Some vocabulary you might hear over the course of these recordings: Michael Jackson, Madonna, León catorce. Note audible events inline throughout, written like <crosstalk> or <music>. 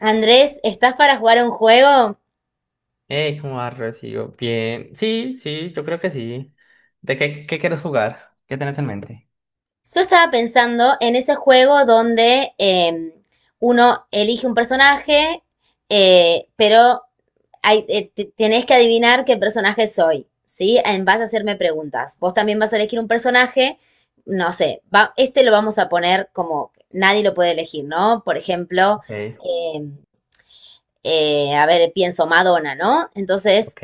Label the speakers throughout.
Speaker 1: Andrés, ¿estás para jugar a un juego?
Speaker 2: Hey, ¿cómo vas, Rocío? Bien. Sí, sí, yo creo que sí. ¿De qué quieres jugar? ¿Qué tenés en mente?
Speaker 1: Yo estaba pensando en ese juego donde uno elige un personaje, eh, pero tenés que adivinar qué personaje soy, ¿sí? Vas a hacerme preguntas. Vos también vas a elegir un personaje, no sé, este lo vamos a poner como que nadie lo puede elegir, ¿no? Por ejemplo,
Speaker 2: Ok,
Speaker 1: eh, a ver, pienso Madonna, ¿no? Entonces,
Speaker 2: ok,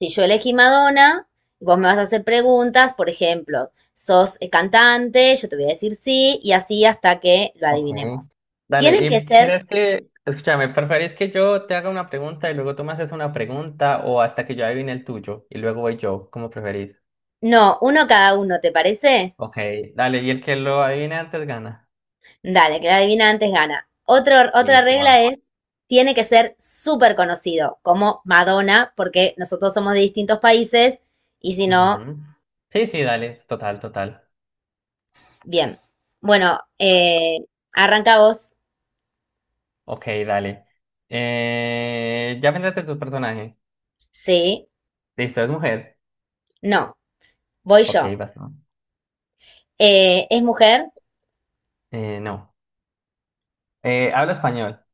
Speaker 1: si yo elegí Madonna, vos me vas a hacer preguntas, por ejemplo, ¿sos cantante? Yo te voy a decir sí, y así hasta que lo
Speaker 2: ok.
Speaker 1: adivinemos.
Speaker 2: Dale,
Speaker 1: Tienen que
Speaker 2: ¿y
Speaker 1: ser,
Speaker 2: crees que, escúchame, preferís que yo te haga una pregunta y luego tú me haces una pregunta o hasta que yo adivine el tuyo y luego voy yo, como preferís?
Speaker 1: no, uno cada uno, ¿te parece?
Speaker 2: Ok, dale, y el que lo adivine antes gana.
Speaker 1: Dale, que la adivina antes gana. Otro, otra
Speaker 2: Listo, va.
Speaker 1: regla es, tiene que ser súper conocido, como Madonna, porque nosotros somos de distintos países, y si no,
Speaker 2: Ujú. Sí, sí, dale, total, total.
Speaker 1: bien. Bueno, arranca vos,
Speaker 2: Ok, dale. Ya vendrás de tu personaje.
Speaker 1: sí,
Speaker 2: Listo, es mujer.
Speaker 1: no, voy
Speaker 2: Ok,
Speaker 1: yo.
Speaker 2: basta.
Speaker 1: ¿Es mujer?
Speaker 2: No. ¿Habla español?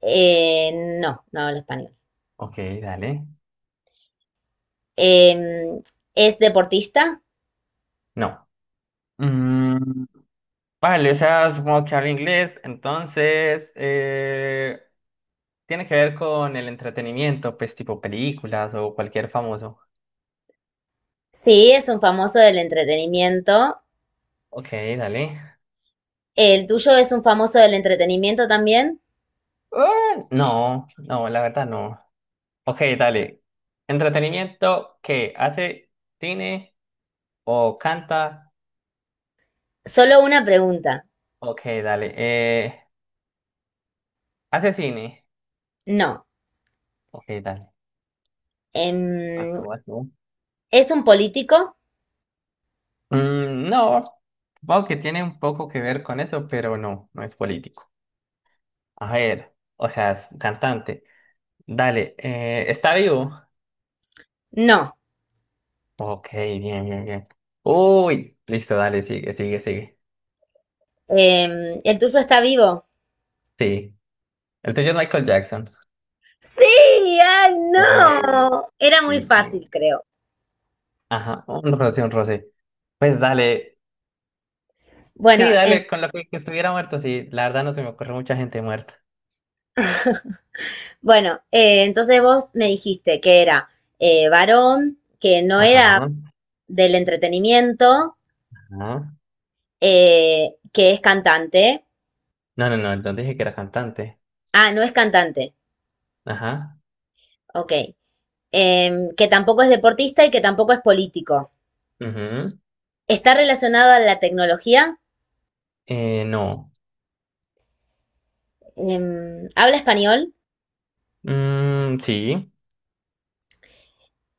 Speaker 1: Eh, no, no hablo español.
Speaker 2: Ok, dale.
Speaker 1: Em, ¿Es deportista?
Speaker 2: No. Mm, vale, o sea, supongo que habla inglés, entonces tiene que ver con el entretenimiento, pues tipo películas o cualquier famoso.
Speaker 1: Sí, es un famoso del entretenimiento.
Speaker 2: Ok, dale.
Speaker 1: ¿El tuyo es un famoso del entretenimiento también?
Speaker 2: Ah, no, no, la verdad no. Ok, dale. ¿Entretenimiento que hace cine o canta?
Speaker 1: Solo una pregunta.
Speaker 2: Ok, dale. ¿Hace cine?
Speaker 1: No.
Speaker 2: Ok, dale. Vas
Speaker 1: Em,
Speaker 2: tú, vas tú.
Speaker 1: ¿Es un político?
Speaker 2: Mm, no, supongo que tiene un poco que ver con eso, pero no, no es político. A ver, o sea, es un cantante. Dale, ¿está vivo?
Speaker 1: No.
Speaker 2: Ok, bien, bien, bien. Uy, listo, dale, sigue, sigue, sigue.
Speaker 1: ¿El tuyo está vivo?
Speaker 2: Sí, el tuyo es Michael Jackson.
Speaker 1: Sí, ay,
Speaker 2: Eh,
Speaker 1: no. Era muy
Speaker 2: Bien,
Speaker 1: fácil,
Speaker 2: bien.
Speaker 1: creo.
Speaker 2: Ajá, un roce, un roce. Pues dale,
Speaker 1: Bueno,
Speaker 2: sí,
Speaker 1: en-
Speaker 2: dale, con lo que estuviera muerto, sí, la verdad no se me ocurre mucha gente muerta.
Speaker 1: bueno, entonces vos me dijiste que era varón, que no
Speaker 2: Ajá,
Speaker 1: era del entretenimiento,
Speaker 2: ajá.
Speaker 1: que es cantante.
Speaker 2: No, no, no, entonces dije que era cantante.
Speaker 1: Ah, no es cantante,
Speaker 2: Ajá.
Speaker 1: ok. Em, que tampoco es deportista y que tampoco es político.
Speaker 2: Ujú.
Speaker 1: Está relacionado a la tecnología,
Speaker 2: No.
Speaker 1: habla español,
Speaker 2: Mm, sí.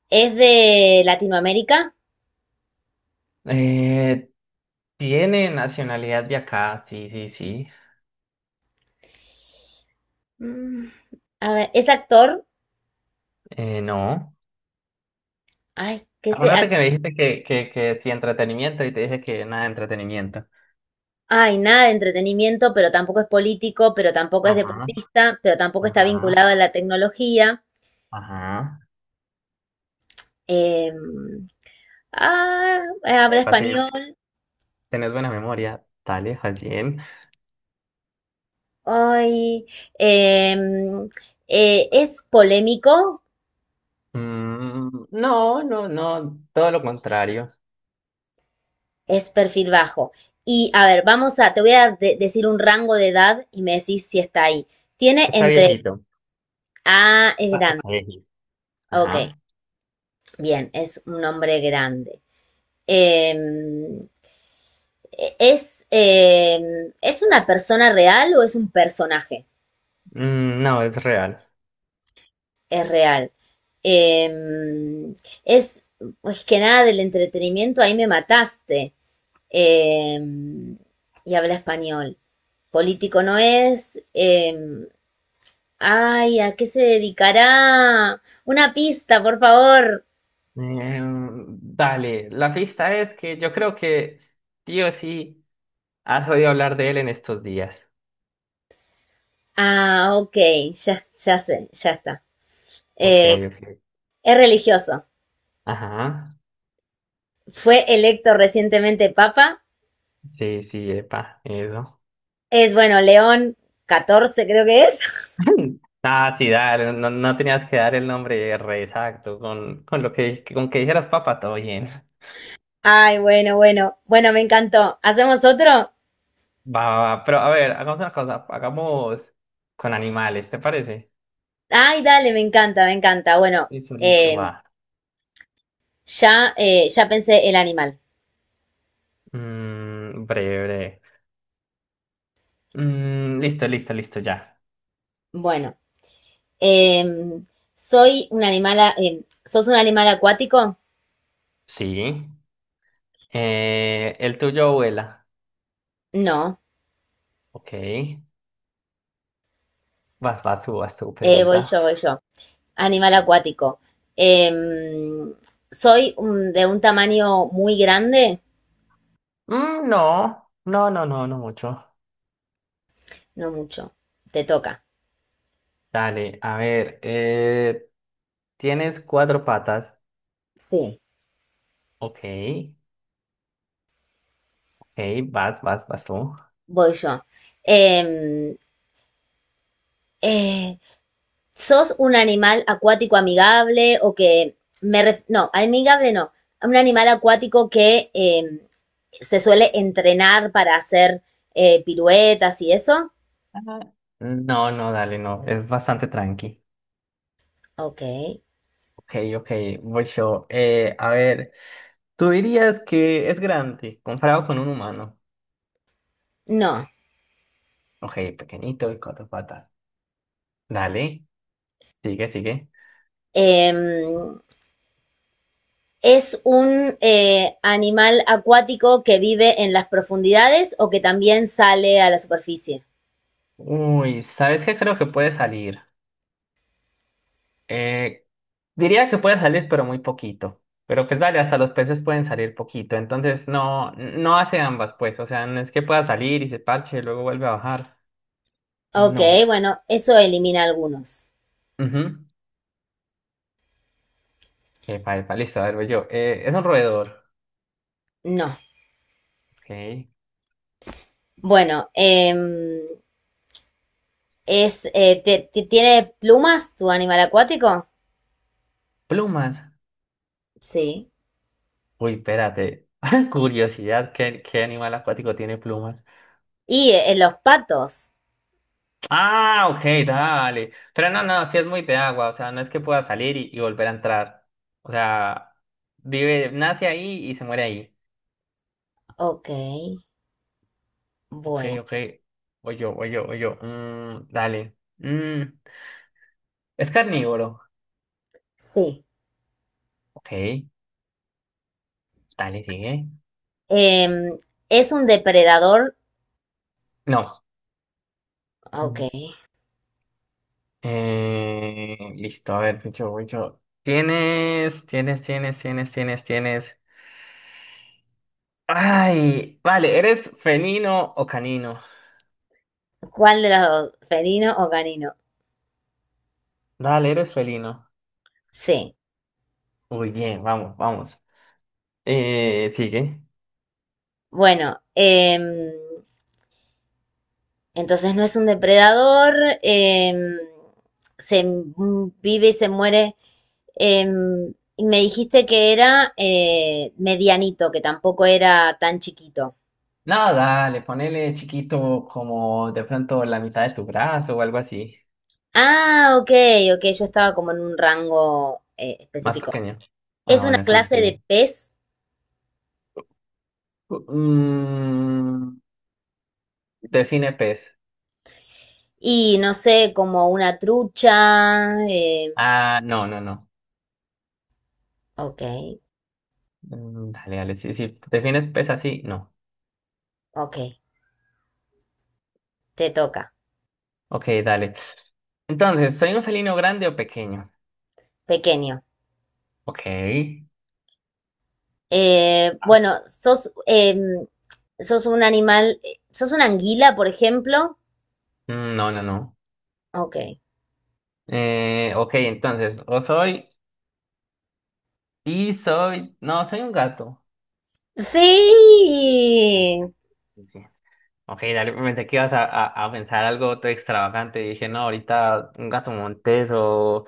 Speaker 1: es de Latinoamérica.
Speaker 2: Eh, Tiene nacionalidad de acá, sí, sí, sí.
Speaker 1: Mm, a ver, es actor.
Speaker 2: No.
Speaker 1: Ay, qué se...
Speaker 2: Acuérdate
Speaker 1: ac-
Speaker 2: que me dijiste que sí, entretenimiento y te dije que nada de entretenimiento.
Speaker 1: Ay, nada de entretenimiento, pero tampoco es político, pero tampoco es
Speaker 2: Ajá,
Speaker 1: deportista, pero tampoco está
Speaker 2: ajá,
Speaker 1: vinculado a la tecnología.
Speaker 2: ajá.
Speaker 1: Em, ah, habla
Speaker 2: Epa, sí,
Speaker 1: español.
Speaker 2: tenés buena memoria. Dale, Hajin.
Speaker 1: Hoy em, es polémico,
Speaker 2: Mm, no, no, no, todo lo contrario.
Speaker 1: es perfil bajo. Y a ver, vamos a, te voy a de- decir un rango de edad y me decís si está ahí. Tiene
Speaker 2: Está
Speaker 1: entre,
Speaker 2: viejito.
Speaker 1: ah, es
Speaker 2: Está
Speaker 1: grande.
Speaker 2: viejito.
Speaker 1: Ok,
Speaker 2: Ajá.
Speaker 1: bien, es un hombre grande. Em, ¿Es una persona real o es un personaje?
Speaker 2: Mm, no, es real.
Speaker 1: Es real. Em, es, pues que nada del entretenimiento, ahí me mataste. eh, y habla español. Político no es. Ay, ¿a qué se dedicará? Una pista, por favor.
Speaker 2: Dale, la pista es que yo creo que sí o sí. Has oído hablar de él en estos días.
Speaker 1: Ah, ok, ya, ya sé, ya está.
Speaker 2: Ok,
Speaker 1: Eh,
Speaker 2: ok.
Speaker 1: es religioso.
Speaker 2: Ajá.
Speaker 1: Fue electo recientemente papa.
Speaker 2: Sí, sí, epa, eso.
Speaker 1: Es, bueno, León XIV, creo que es.
Speaker 2: <laughs> Ah, sí, dale, no, no tenías que dar el nombre re exacto. Con lo que, con que dijeras papa, todo bien.
Speaker 1: <laughs> Ay, bueno, bueno. Bueno, me encantó. ¿Hacemos otro?
Speaker 2: Va, va, va. Pero a ver, hagamos una cosa. Hagamos con animales, ¿te parece?
Speaker 1: Ay, dale, me encanta, me encanta. Bueno,
Speaker 2: Listo, listo,
Speaker 1: eh,
Speaker 2: va.
Speaker 1: ya, ya pensé el animal.
Speaker 2: Mm, breve, breve. Mm, listo, listo, listo, ya.
Speaker 1: Bueno. Em, ¿Soy un animal, a- em, sos un animal acuático?
Speaker 2: Sí. El tuyo vuela.
Speaker 1: No.
Speaker 2: Ok. Vas, vas tú, pregunta.
Speaker 1: Voy yo. Animal acuático. Em, ¿Soy de un tamaño muy grande?
Speaker 2: Mm, no, no, no, no, no mucho.
Speaker 1: No mucho. Te toca.
Speaker 2: Dale, a ver, tienes cuatro patas.
Speaker 1: Sí,
Speaker 2: Ok, ok, vas, vas, vas tú.
Speaker 1: voy yo. Em, eh, ¿Sos un animal acuático amigable o que no, amigable no. Un animal acuático que se suele entrenar para hacer piruetas y eso.
Speaker 2: Ajá. No, no, dale, no, es bastante tranqui.
Speaker 1: Ok.
Speaker 2: Ok, ok, voy yo. A ver, tú dirías que es grande comparado con un humano.
Speaker 1: No.
Speaker 2: Ok, pequeñito y cuatro patas. Dale, sigue, sigue.
Speaker 1: Em, es un animal acuático que vive en las profundidades o que también sale a la superficie.
Speaker 2: Uy, ¿sabes qué creo que puede salir? Eh, Diría que puede salir, pero muy poquito. Pero pues dale, hasta los peces pueden salir poquito. Entonces no, no hace ambas, pues. O sea, no es que pueda salir y se parche y luego vuelve a bajar.
Speaker 1: Ok,
Speaker 2: No.
Speaker 1: bueno, eso elimina algunos.
Speaker 2: Ujú. Epa, epa, listo, a ver, voy yo. Es un roedor.
Speaker 1: No.
Speaker 2: Ok.
Speaker 1: Bueno, es, ¿tiene plumas tu animal acuático?
Speaker 2: Plumas.
Speaker 1: Sí.
Speaker 2: Uy, espérate. <laughs> Curiosidad, ¿qué animal acuático tiene plumas?
Speaker 1: Y los patos.
Speaker 2: Ah, ok, dale. Pero no, no, sí es muy de agua. O sea, no es que pueda salir y volver a entrar. O sea, vive, nace ahí y se muere ahí.
Speaker 1: Ok,
Speaker 2: Ok,
Speaker 1: bueno.
Speaker 2: ok. Voy yo, voy yo, voy yo. Mm, dale. Mm, es carnívoro.
Speaker 1: Sí.
Speaker 2: Ok, dale, sigue.
Speaker 1: Em, ¿Es un depredador?
Speaker 2: No.
Speaker 1: Ok.
Speaker 2: Mm. Listo, a ver, voy yo, voy yo. Tienes. Ay, vale, ¿eres felino o canino?
Speaker 1: ¿Cuál de las dos? ¿Felino o canino?
Speaker 2: Dale, eres felino.
Speaker 1: Sí.
Speaker 2: Muy bien, vamos, vamos. Sigue.
Speaker 1: Bueno, entonces no es un depredador, em, se m- vive y se muere. Y me dijiste que era medianito, que tampoco era tan chiquito.
Speaker 2: No, dale, ponele chiquito como de pronto la mitad de tu brazo o algo así.
Speaker 1: Ah, ok, ok, yo estaba como en un rango
Speaker 2: Más
Speaker 1: específico.
Speaker 2: pequeño.
Speaker 1: Es
Speaker 2: Ah,
Speaker 1: una
Speaker 2: bueno, sí,
Speaker 1: clase
Speaker 2: sí.
Speaker 1: de pez
Speaker 2: Mm, define pez.
Speaker 1: y no sé, como una trucha.
Speaker 2: Ah, no, no, no.
Speaker 1: Ok,
Speaker 2: Mm, dale, dale. Si, si defines pez así, no.
Speaker 1: ok, te toca.
Speaker 2: Ok, dale. Entonces, ¿soy un felino grande o pequeño?
Speaker 1: Pequeño.
Speaker 2: Ok.
Speaker 1: Bueno, sos un animal, sos una anguila, por ejemplo.
Speaker 2: Mm, no, no, no.
Speaker 1: Ok.
Speaker 2: Ok, entonces, o soy y soy. No, soy un gato. Ok,
Speaker 1: Sí.
Speaker 2: sí, sí. Ok, dale, pensé que ibas a, a pensar algo todo extravagante. Dije, no, ahorita un gato montés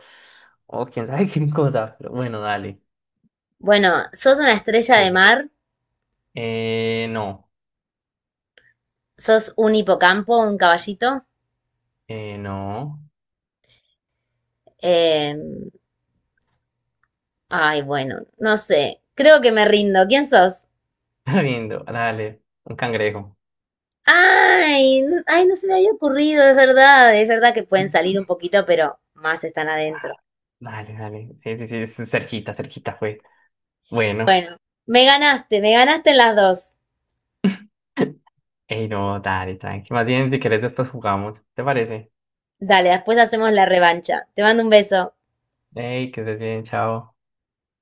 Speaker 2: o quién sabe <laughs> qué cosa. Pero bueno, dale.
Speaker 1: Bueno, sos una estrella de
Speaker 2: Sigue.
Speaker 1: mar,
Speaker 2: No.
Speaker 1: sos un hipocampo, un caballito.
Speaker 2: No.
Speaker 1: Em, ay, bueno, no sé, creo que me rindo. ¿Quién sos?
Speaker 2: <laughs> Lindo, dale, un cangrejo.
Speaker 1: Ay, no se me había ocurrido, es verdad que pueden salir un poquito, pero más están adentro.
Speaker 2: Ah, dale, dale. Sí, sí, sí, es cerquita, cerquita fue. Bueno.
Speaker 1: Bueno, me ganaste en las dos.
Speaker 2: <laughs> Ey, no, dale, tranqui. Más bien, si querés, después jugamos. ¿Te parece?
Speaker 1: Dale, después hacemos la revancha. Te mando un beso.
Speaker 2: Ey, que estés bien, chao.